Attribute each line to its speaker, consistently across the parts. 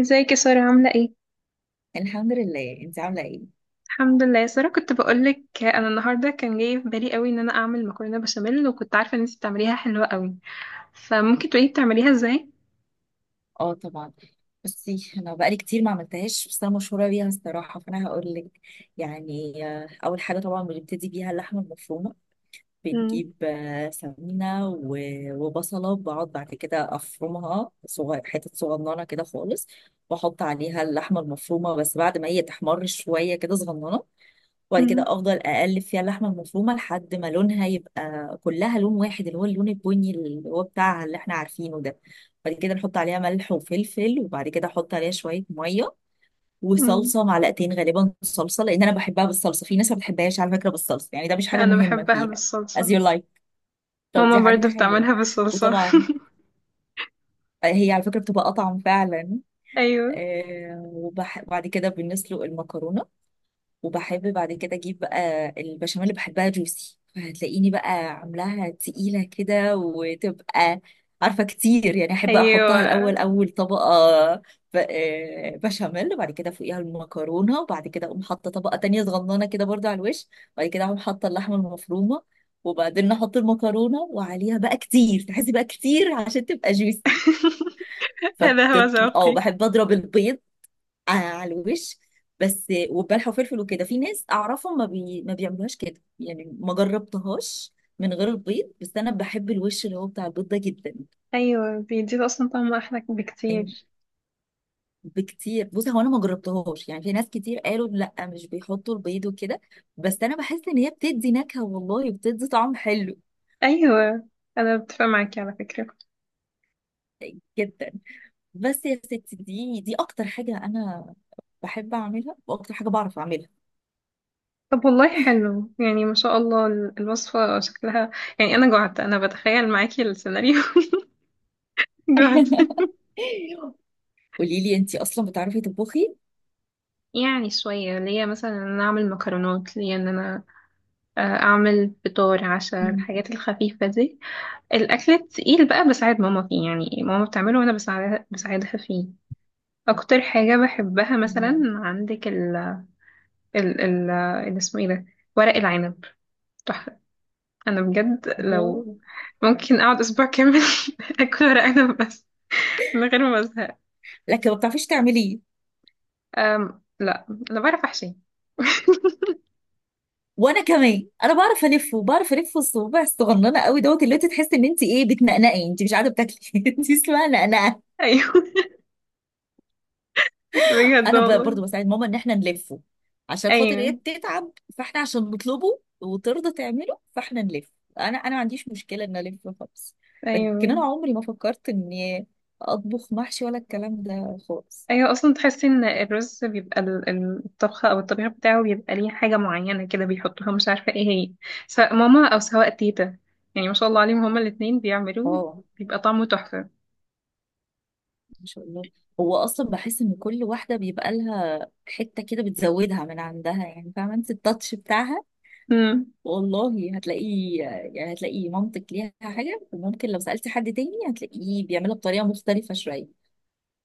Speaker 1: ازيك يا سارة عاملة ايه؟
Speaker 2: الحمد لله. انت عامله ايه؟
Speaker 1: الحمد لله يا سارة، كنت بقولك انا النهاردة كان جاي في بالي قوي ان انا اعمل مكرونة بشاميل، وكنت عارفة ان انتي بتعمليها حلوة قوي. فممكن تقولي بتعمليها ازاي؟
Speaker 2: اه طبعا. بصي انا بقالي كتير ما عملتهاش بس انا مشهوره بيها الصراحه فانا هقول لك. يعني اول حاجه طبعا بنبتدي بيها اللحمه المفرومه.
Speaker 1: مم.
Speaker 2: بنجيب سمينه و- وبصله بقعد بعد كده افرمها صغير حتت صغننه كده خالص. واحط عليها اللحمه المفرومه بس بعد ما هي تحمر شويه كده صغننه. وبعد كده
Speaker 1: مم.
Speaker 2: افضل اقلب فيها اللحمه المفرومه لحد ما لونها يبقى كلها لون واحد اللي هو اللون البني اللي هو بتاعها اللي احنا عارفينه ده. بعد كده نحط عليها ملح وفلفل وبعد كده احط عليها شويه ميه
Speaker 1: مم.
Speaker 2: وصلصه معلقتين غالبا صلصه لان انا بحبها بالصلصه. في ناس ما بتحبهاش على فكره بالصلصه يعني ده مش
Speaker 1: لا
Speaker 2: حاجه
Speaker 1: انا
Speaker 2: مهمه
Speaker 1: بحبها
Speaker 2: فيها. as
Speaker 1: بالصلصة.
Speaker 2: you like. طب
Speaker 1: ماما
Speaker 2: دي حاجه
Speaker 1: برضو
Speaker 2: حلوه.
Speaker 1: بتعملها بالصلصة.
Speaker 2: وطبعا هي على فكره بتبقى اطعم فعلا.
Speaker 1: ايوه.
Speaker 2: وبح- وبعد كده بنسلق المكرونه. وبحب بعد كده اجيب بقى البشاميل اللي بحبها جوسي فهتلاقيني بقى عاملاها تقيلة كده وتبقى عارفة كتير. يعني احب احطها الاول
Speaker 1: ايوه
Speaker 2: اول طبقة بشاميل وبعد كده فوقيها المكرونة وبعد كده اقوم حاطة طبقة تانية صغننة كده برضو على الوش. وبعد كده اقوم حاطة اللحمة المفرومة وبعدين احط المكرونة وعليها بقى كتير تحسي بقى كتير عشان تبقى جوسي.
Speaker 1: هذا هو
Speaker 2: فتطلع اه
Speaker 1: ذوقي.
Speaker 2: بحب اضرب البيض على الوش بس وبلح وفلفل وكده. في ناس اعرفهم ما بيعملوهاش كده يعني ما جربتهاش من غير البيض. بس انا بحب الوش اللي هو بتاع البيض ده جدا
Speaker 1: ايوه، بيديله اصلا طعم احلى
Speaker 2: يعني.
Speaker 1: بكتير.
Speaker 2: بكتير بص هو انا ما جربتهاش يعني في ناس كتير قالوا لا مش بيحطوا البيض وكده. بس انا بحس ان هي بتدي نكهة والله بتدي طعم حلو
Speaker 1: ايوه، انا بتفق معاكي على فكرة.
Speaker 2: جدا. بس يا ستي دي اكتر حاجة انا بحب اعملها واكتر حاجة بعرف اعملها.
Speaker 1: طب والله حلو، يعني ما شاء الله الوصفة شكلها، يعني أنا جعت، أنا بتخيل معاكي السيناريو. جعت.
Speaker 2: قولي لي انتي اصلا بتعرفي تطبخي؟
Speaker 1: يعني شوية ليا، مثلا إن أنا أعمل مكرونات، ليا إن أنا أعمل فطار عشاء،
Speaker 2: مم.
Speaker 1: الحاجات الخفيفة دي. الأكل التقيل بقى بساعد ماما فيه، يعني ماما بتعمله وأنا بساعدها فيه. أكتر حاجة بحبها مثلا عندك ال ال اسمه إيه ده، ورق العنب، تحفة. أنا بجد
Speaker 2: الله.
Speaker 1: لو ممكن أقعد أسبوع كامل أكل ورق عنب بس، من غير ما ازهق.
Speaker 2: لكن ما بتعرفيش تعمليه.
Speaker 1: أم، لا انا بعرف احشي.
Speaker 2: وانا كمان بعرف الفه بعرف الف الصوابع الصغننه قوي دوت اللي انت تحسي ان انت ايه بتنقنقي انت مش قاعده بتاكلي. انت اسمها نقنقه.
Speaker 1: ايوه، بجد والله.
Speaker 2: برضو بساعد ماما ان احنا نلفه عشان خاطر هي
Speaker 1: ايوه.
Speaker 2: بتتعب. فاحنا عشان نطلبه وترضى تعمله فاحنا نلف. انا ما عنديش مشكله ان الف خالص. لكن انا
Speaker 1: ايوه.
Speaker 2: عمري ما فكرت اني اطبخ محشي ولا الكلام ده خالص.
Speaker 1: ايوه اصلا تحسي ان الرز بيبقى الطبخه او الطبيخ بتاعه، بيبقى ليه حاجه معينه كده بيحطوها، مش عارفه ايه هي، سواء ماما او سواء تيتا. يعني ما شاء الله عليهم، هما الاتنين بيعملوه.
Speaker 2: اه
Speaker 1: بيبقى طعمه تحفه.
Speaker 2: ما شاء الله. هو اصلا بحس ان كل واحده بيبقى لها حته كده بتزودها من عندها يعني فاهمه انت التاتش بتاعها.
Speaker 1: امم.
Speaker 2: والله هتلاقيه يعني هتلاقي مامتك ليها حاجه وممكن لو سالتي حد تاني هتلاقيه بيعملها بطريقه مختلفه شويه.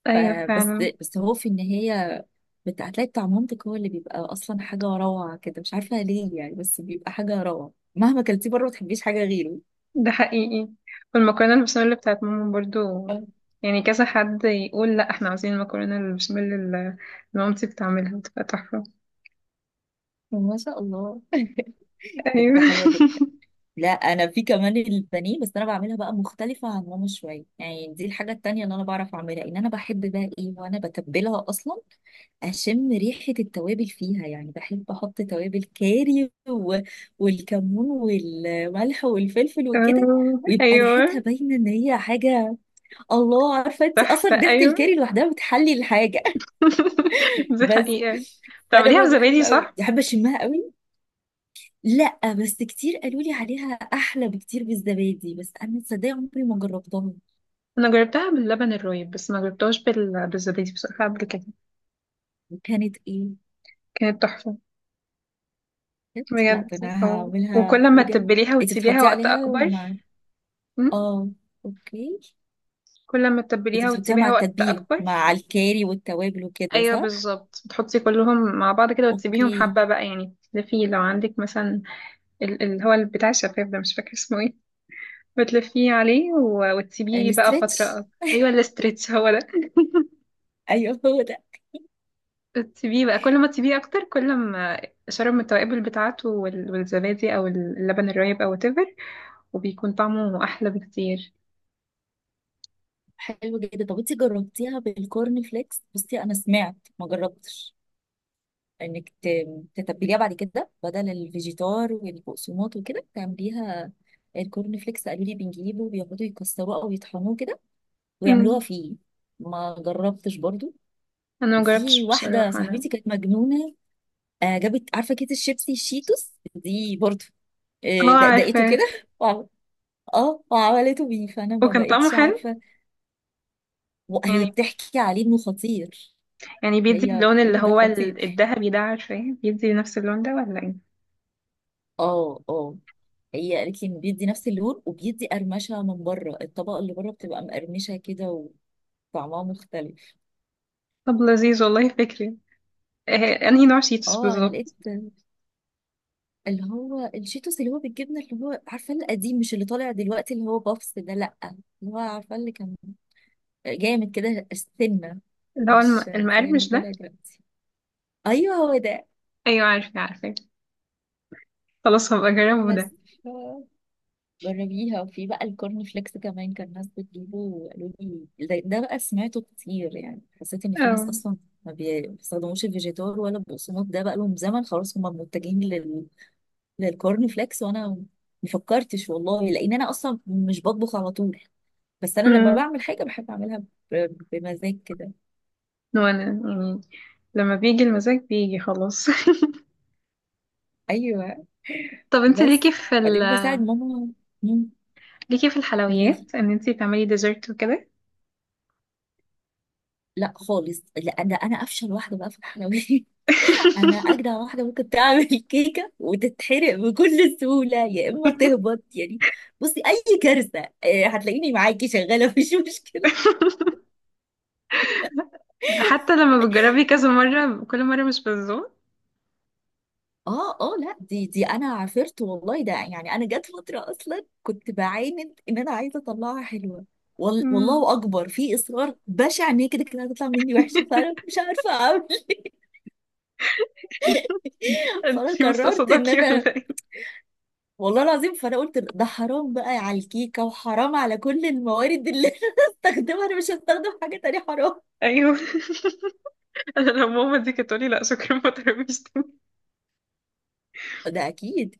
Speaker 1: ايوه
Speaker 2: فبس.
Speaker 1: فعلا.
Speaker 2: بس هو في النهايه هتلاقي بتاع مامتك هو اللي بيبقى اصلا حاجه روعه كده مش عارفه ليه يعني بس بيبقى حاجه روعه مهما كلتيه بره ما تحبيش حاجه غيره.
Speaker 1: ده حقيقي. والمكرونة البشاميل بتاعت ماما برضو،
Speaker 2: آه،
Speaker 1: يعني كذا حد يقول لا احنا عايزين المكرونة البشاميل اللي مامتي بتعملها، بتبقى تحفة.
Speaker 2: ما شاء الله. دي حاجه
Speaker 1: ايوه.
Speaker 2: حلوه جدا. لا انا في كمان البانيه بس انا بعملها بقى مختلفه عن ماما شويه يعني دي الحاجه التانية اللي انا بعرف اعملها ان انا بحب بقى ايه وانا بتبلها اصلا. اشم ريحه التوابل فيها يعني بحب احط توابل كاري والكمون والملح والفلفل وكده.
Speaker 1: آه،
Speaker 2: ويبقى ريحتها
Speaker 1: ايوه،
Speaker 2: باينه ان هي حاجه. الله عارفه انت
Speaker 1: تحفة.
Speaker 2: اصلا ريحه
Speaker 1: ايوه.
Speaker 2: الكاري لوحدها بتحلي الحاجه.
Speaker 1: دي
Speaker 2: بس.
Speaker 1: حقيقة.
Speaker 2: فانا
Speaker 1: بتعمليها
Speaker 2: بقى بحب
Speaker 1: بزبادي
Speaker 2: قوي
Speaker 1: صح؟
Speaker 2: بحب اشمها قوي. لا بس كتير قالوا لي عليها احلى بكتير بالزبادي بس انا تصدقي عمري ما جربتها.
Speaker 1: انا جربتها باللبن الرايب، بس ما جربتهاش بالزبادي بصراحة قبل كده.
Speaker 2: وكانت ايه؟
Speaker 1: كانت تحفة.
Speaker 2: كانت لا
Speaker 1: بجد.
Speaker 2: ده انا
Speaker 1: اه،
Speaker 2: هعملها
Speaker 1: وكل ما
Speaker 2: بجد.
Speaker 1: تتبليها
Speaker 2: انت
Speaker 1: وتسيبيها
Speaker 2: بتحطي
Speaker 1: وقت
Speaker 2: عليها
Speaker 1: اكبر.
Speaker 2: مع.
Speaker 1: م؟
Speaker 2: اه اوكي.
Speaker 1: كل ما
Speaker 2: انت
Speaker 1: تتبليها
Speaker 2: بتحطيها مع
Speaker 1: وتسيبيها وقت
Speaker 2: التتبيله
Speaker 1: اكبر.
Speaker 2: مع الكاري والتوابل وكده
Speaker 1: ايوه
Speaker 2: صح؟
Speaker 1: بالظبط، بتحطي كلهم مع بعض كده وتسيبيهم
Speaker 2: اوكي.
Speaker 1: حبه بقى، يعني تلفيه لو عندك مثلا اللي هو بتاع الشفاف ده، مش فاكر اسمه ايه، بتلفيه عليه وتسيبيه بقى
Speaker 2: الاسترتش.
Speaker 1: فتره. ايوه الاسترتش هو ده.
Speaker 2: ايوه هو ده.
Speaker 1: تسيبيه بقى، كل ما تسيبيه اكتر كل ما شرب من التوابل بتاعته والزبادي او اللبن الرايب او whatever، وبيكون طعمه احلى بكتير.
Speaker 2: حلو جدا. طب انت جربتيها بالكورن فليكس؟ بصي انا سمعت ما جربتش انك تتبليها بعد كده بدل الفيجيتار والبقسماط وكده تعمليها. الكورن فليكس قالوا لي بنجيبه بياخدوا يكسروه او يطحنوه كده ويعملوها
Speaker 1: امم.
Speaker 2: فيه. ما جربتش برضو.
Speaker 1: انا
Speaker 2: وفي
Speaker 1: مجربتش
Speaker 2: واحده
Speaker 1: بصراحه انا.
Speaker 2: صاحبتي كانت مجنونه. جابت عارفه كيس الشيبسي الشيتوس دي برضو.
Speaker 1: اه
Speaker 2: دقدقته كده.
Speaker 1: عارفاه.
Speaker 2: وعم- اه وعملته بيه فانا ما
Speaker 1: وكان طعمه
Speaker 2: بقتش
Speaker 1: حلو،
Speaker 2: عارفه. وهي
Speaker 1: يعني،
Speaker 2: بتحكي عليه انه خطير.
Speaker 1: يعني بيدي
Speaker 2: هي
Speaker 1: اللون
Speaker 2: بتقول
Speaker 1: اللي
Speaker 2: لي ده
Speaker 1: هو
Speaker 2: خطير.
Speaker 1: الذهبي ده، عارفاه، بيدي نفس اللون ده ولا ايه؟
Speaker 2: اه اه. هي قالت لي انه بيدي نفس اللون وبيدي قرمشه من بره الطبقه اللي بره بتبقى مقرمشه كده وطعمها مختلف.
Speaker 1: طب لذيذ والله، فكري انهي نوع شيتوس
Speaker 2: اه انا
Speaker 1: بالظبط.
Speaker 2: لقيت اللي هو الشيتوس اللي هو بالجبنه اللي هو عارفه القديم مش اللي طالع دلوقتي اللي هو بافس ده لا اللي هو عارفه اللي كان جامد كده السنه
Speaker 1: اللي هو
Speaker 2: مش زي اللي
Speaker 1: المقرمش
Speaker 2: طالع
Speaker 1: ده.
Speaker 2: دلوقتي. ايوه هو ده.
Speaker 1: ايوه عارفه. خلاص هبقى اجربه
Speaker 2: بس
Speaker 1: ده.
Speaker 2: جربيها. وفي بقى الكورن فليكس كمان كان ناس بتجيبه وقالوا لي ده بقى سمعته كتير يعني حسيت ان في ناس
Speaker 1: اه.
Speaker 2: اصلا ما بي- بيستخدموش الفيجيتار ولا البقسماط ده بقى لهم زمن خلاص هم متجهين للكورن فليكس. وانا ما فكرتش والله لان انا اصلا مش بطبخ على طول. بس انا لما
Speaker 1: امم.
Speaker 2: بعمل حاجه بحب اعملها بمزاج كده.
Speaker 1: وانا يعني لما بيجي المزاج بيجي خلاص.
Speaker 2: ايوه
Speaker 1: طب انت
Speaker 2: بس
Speaker 1: ليكي في
Speaker 2: بعدين بساعد ماما. مم،
Speaker 1: ليكي في
Speaker 2: قولي لي.
Speaker 1: الحلويات ان انت تعملي ديزرت وكده؟
Speaker 2: لا خالص لا ده انا افشل واحده بقى في الحلويات. انا اجدع واحده ممكن تعمل كيكه وتتحرق بكل سهوله يا اما تهبط يعني. بصي اي كارثه هتلاقيني معاكي شغاله. مفيش مشكله.
Speaker 1: حتى لما بتجربي كذا مرة كل مرة مش بتظبط؟
Speaker 2: اه اه لا دي انا عافرت والله ده يعني انا جت فتره اصلا كنت بعاند ان انا عايزه اطلعها حلوه. وال-
Speaker 1: أمم.
Speaker 2: والله اكبر في اصرار بشع ان هي كده كده هتطلع مني وحشه فانا مش عارفه اعمل إيه. فانا
Speaker 1: انتي
Speaker 2: قررت ان
Speaker 1: مستصدقي
Speaker 2: انا
Speaker 1: ولا ايه؟
Speaker 2: والله العظيم فانا قلت ده حرام بقى على الكيكه وحرام على كل الموارد اللي انا هستخدمها انا مش هستخدم حاجه تانية حرام.
Speaker 1: ايوه. انا لو ماما دي كانت تقولي لا شكرا ما تقربيش.
Speaker 2: ده اكيد.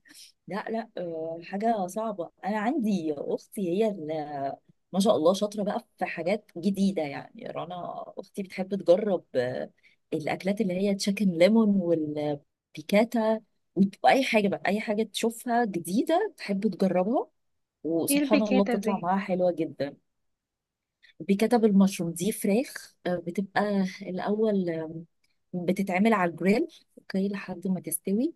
Speaker 2: لا لا حاجه صعبه. انا عندي اختي هي اللي ما شاء الله شاطره بقى في حاجات جديده. يعني رنا اختي بتحب تجرب الاكلات اللي هي تشيكن ليمون والبيكاتا واي حاجه بقى اي حاجه تشوفها جديده تحب تجربها
Speaker 1: ايه
Speaker 2: وسبحان الله
Speaker 1: البيكاتة
Speaker 2: بتطلع
Speaker 1: دي؟
Speaker 2: معاها حلوه جدا. بكتب المشروم دي فراخ بتبقى الأول. بتتعمل على الجريل اوكي لحد ما تستوي.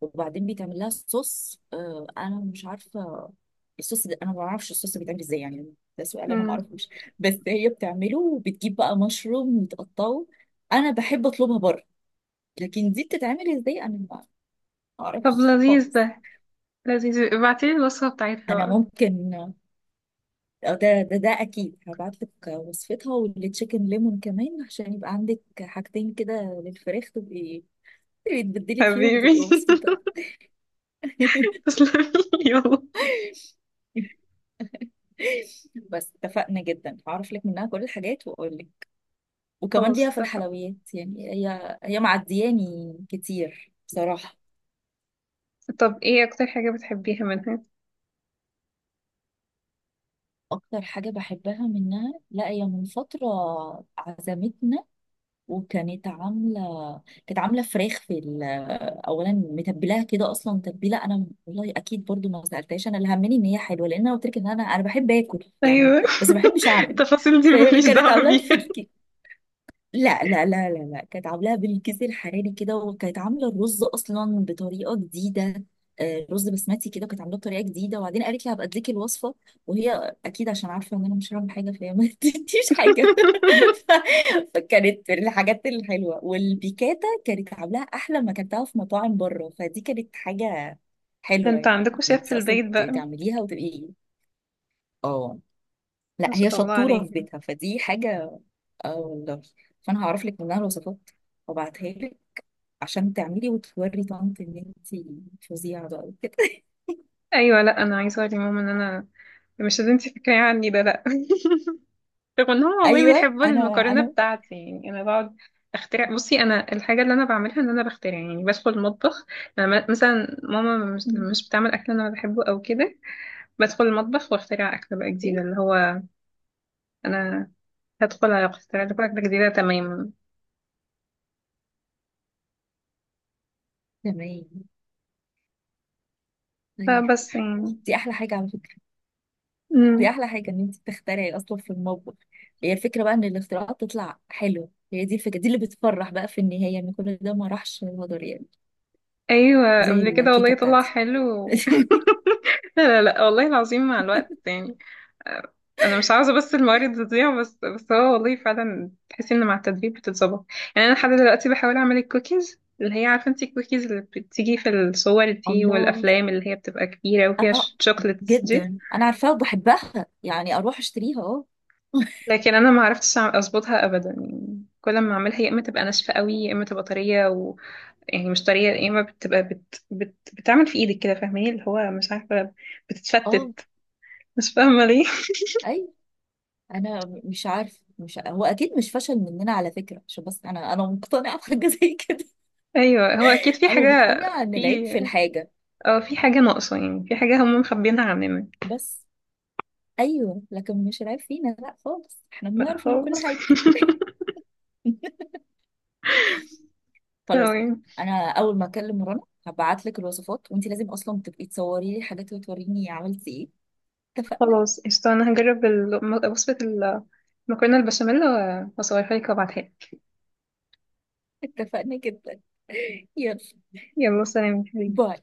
Speaker 2: وبعدين بيتعمل لها صوص. انا مش عارفة الصوص ده. انا ما بعرفش الصوص بيتعمل ازاي يعني ده سؤال انا ما
Speaker 1: مم.
Speaker 2: اعرفوش. بس هي بتعمله وبتجيب بقى مشروم وتقطعه. انا بحب اطلبها بره لكن دي بتتعمل ازاي انا ما
Speaker 1: طب
Speaker 2: اعرفش
Speaker 1: لذيذ
Speaker 2: خالص.
Speaker 1: ده، لذيذ، ابعتيلي الوصفة بتاعتها
Speaker 2: انا
Speaker 1: بقى.
Speaker 2: ممكن. أو ده اكيد هبعت لك وصفتها والتشيكن ليمون كمان عشان يبقى عندك حاجتين كده للفراخ. تبقي تبقي تبدلي فيهم وتبقي
Speaker 1: حبيبي.
Speaker 2: مبسوطه.
Speaker 1: تسلمي. يلا.
Speaker 2: بس اتفقنا جدا. هعرف لك منها كل الحاجات واقول لك. وكمان
Speaker 1: خلاص
Speaker 2: ليها في
Speaker 1: اتفقنا.
Speaker 2: الحلويات يعني هي هي معدياني كتير بصراحه.
Speaker 1: طب ايه اكتر حاجة بتحبيها منها؟
Speaker 2: اكتر حاجه بحبها منها لا هي من فتره عزمتنا. وكانت عامله كانت عامله فراخ في اولا متبلاها كده اصلا تتبيله. انا والله اكيد برضو ما سالتهاش انا اللي همني ان هي حلوه لان انا قلت لك ان انا بحب اكل يعني.
Speaker 1: ايوه.
Speaker 2: بس ما بحبش اعمل.
Speaker 1: التفاصيل دي
Speaker 2: فهي
Speaker 1: ماليش
Speaker 2: كانت
Speaker 1: دعوة
Speaker 2: عاملاها في
Speaker 1: بيها.
Speaker 2: لا لا لا لا لا كانت عاملاها بالكيس الحراري كده وكانت عامله الرز اصلا بطريقه جديده. رز بسمتي كده وكانت عاملاه بطريقه جديده وبعدين قالت لي هبقى اديك الوصفه. وهي اكيد عشان عارفه ان انا مش هعمل حاجه فهي ما ادتنيش حاجه. ف- فكانت الحاجات الحلوه. والبيكاتا كانت عاملاها احلى ما اكلتها في مطاعم بره فدي كانت حاجه
Speaker 1: ده
Speaker 2: حلوه.
Speaker 1: انتوا
Speaker 2: يعني
Speaker 1: عندكوا
Speaker 2: ان
Speaker 1: شيف في
Speaker 2: انت اصلا
Speaker 1: البيت بقى.
Speaker 2: تعمليها وتبقي. اه لا
Speaker 1: ما
Speaker 2: هي
Speaker 1: شاء الله
Speaker 2: شطوره
Speaker 1: عليه.
Speaker 2: في بيتها فدي حاجه. اه والله. فانا هعرف لك منها الوصفات وابعتها لك عشان تعملي وتوري طنط ان انت فظيعه بقى وكده.
Speaker 1: ايوه. لا انا عايزة اقول لماما ان انا مش اللي انت فاكراه عني ده، لا. رغم ان هو والله
Speaker 2: ايوه
Speaker 1: بيحب
Speaker 2: انا
Speaker 1: المكرونه
Speaker 2: انا
Speaker 1: بتاعتي، يعني انا بقعد اخترع. بصي انا الحاجه اللي انا بعملها ان انا بخترع، يعني بدخل المطبخ. مثلا ماما مش بتعمل اكل انا بحبه او كده، بدخل المطبخ واخترع اكل بقى جديده
Speaker 2: اوكي
Speaker 1: اللي هو انا هدخل اخترع لكم اكله جديده تماما.
Speaker 2: تمام طيب.
Speaker 1: فبس يعني.
Speaker 2: دي احلى حاجه على فكره. دي
Speaker 1: امم.
Speaker 2: احلى حاجه ان انت تخترعي اصلا في المطبخ. هي الفكره بقى ان الاختراعات تطلع حلوه. هي دي الفكره دي اللي بتفرح بقى في النهايه ان كل ده ما راحش هدر يعني.
Speaker 1: ايوه
Speaker 2: زي
Speaker 1: قبل كده
Speaker 2: الكيكه
Speaker 1: والله طلع
Speaker 2: بتاعتي.
Speaker 1: حلو. لا والله العظيم، مع الوقت يعني، انا مش عاوزه بس الموارد تضيع، بس هو والله فعلا تحسي ان مع التدريب بتتظبط. يعني انا لحد دلوقتي بحاول اعمل الكوكيز اللي هي، عارفه انت الكوكيز اللي بتيجي في الصور دي
Speaker 2: الله.
Speaker 1: والافلام، اللي هي بتبقى كبيره وفيها
Speaker 2: اه
Speaker 1: شوكليتس دي.
Speaker 2: جدا انا عارفاها وبحبها يعني اروح اشتريها اه.
Speaker 1: لكن انا ما عرفتش اظبطها ابدا، يعني كل ما اعملها يا اما تبقى ناشفه قوي يا اما تبقى طريه يعني مش طريه، يا اما بتبقى بتعمل في ايدك كده، فاهماني، اللي هو مش عارفه
Speaker 2: اه
Speaker 1: بتتفتت، مش فاهمه ليه.
Speaker 2: اي انا مش عارف مش ع- هو اكيد مش فشل مننا على فكره عشان بس انا مقتنعه بحاجه زي كده.
Speaker 1: ايوه هو اكيد في
Speaker 2: انا
Speaker 1: حاجه.
Speaker 2: مقتنعه ان العيب
Speaker 1: في،
Speaker 2: في الحاجه
Speaker 1: اه، في حاجة ناقصة، يعني في حاجة هم مخبينها عننا.
Speaker 2: بس. ايوه لكن مش العيب فينا لا خالص احنا
Speaker 1: لا
Speaker 2: بنعرف نعمل كل
Speaker 1: خالص.
Speaker 2: حاجه. خلاص.
Speaker 1: تمام.
Speaker 2: انا اول ما اكلم رنا هبعت لك الوصفات وانت لازم اصلا تبقي تصوري لي حاجات وتوريني عملتي ايه. اتفقنا.
Speaker 1: خلاص قشطة، أنا هجرب وصفة المكرونة البشاميل وأصورها لك وأبعتها لك.
Speaker 2: اتفقنا جدا. يلا
Speaker 1: يلا سلام يا حبيبي.
Speaker 2: باي.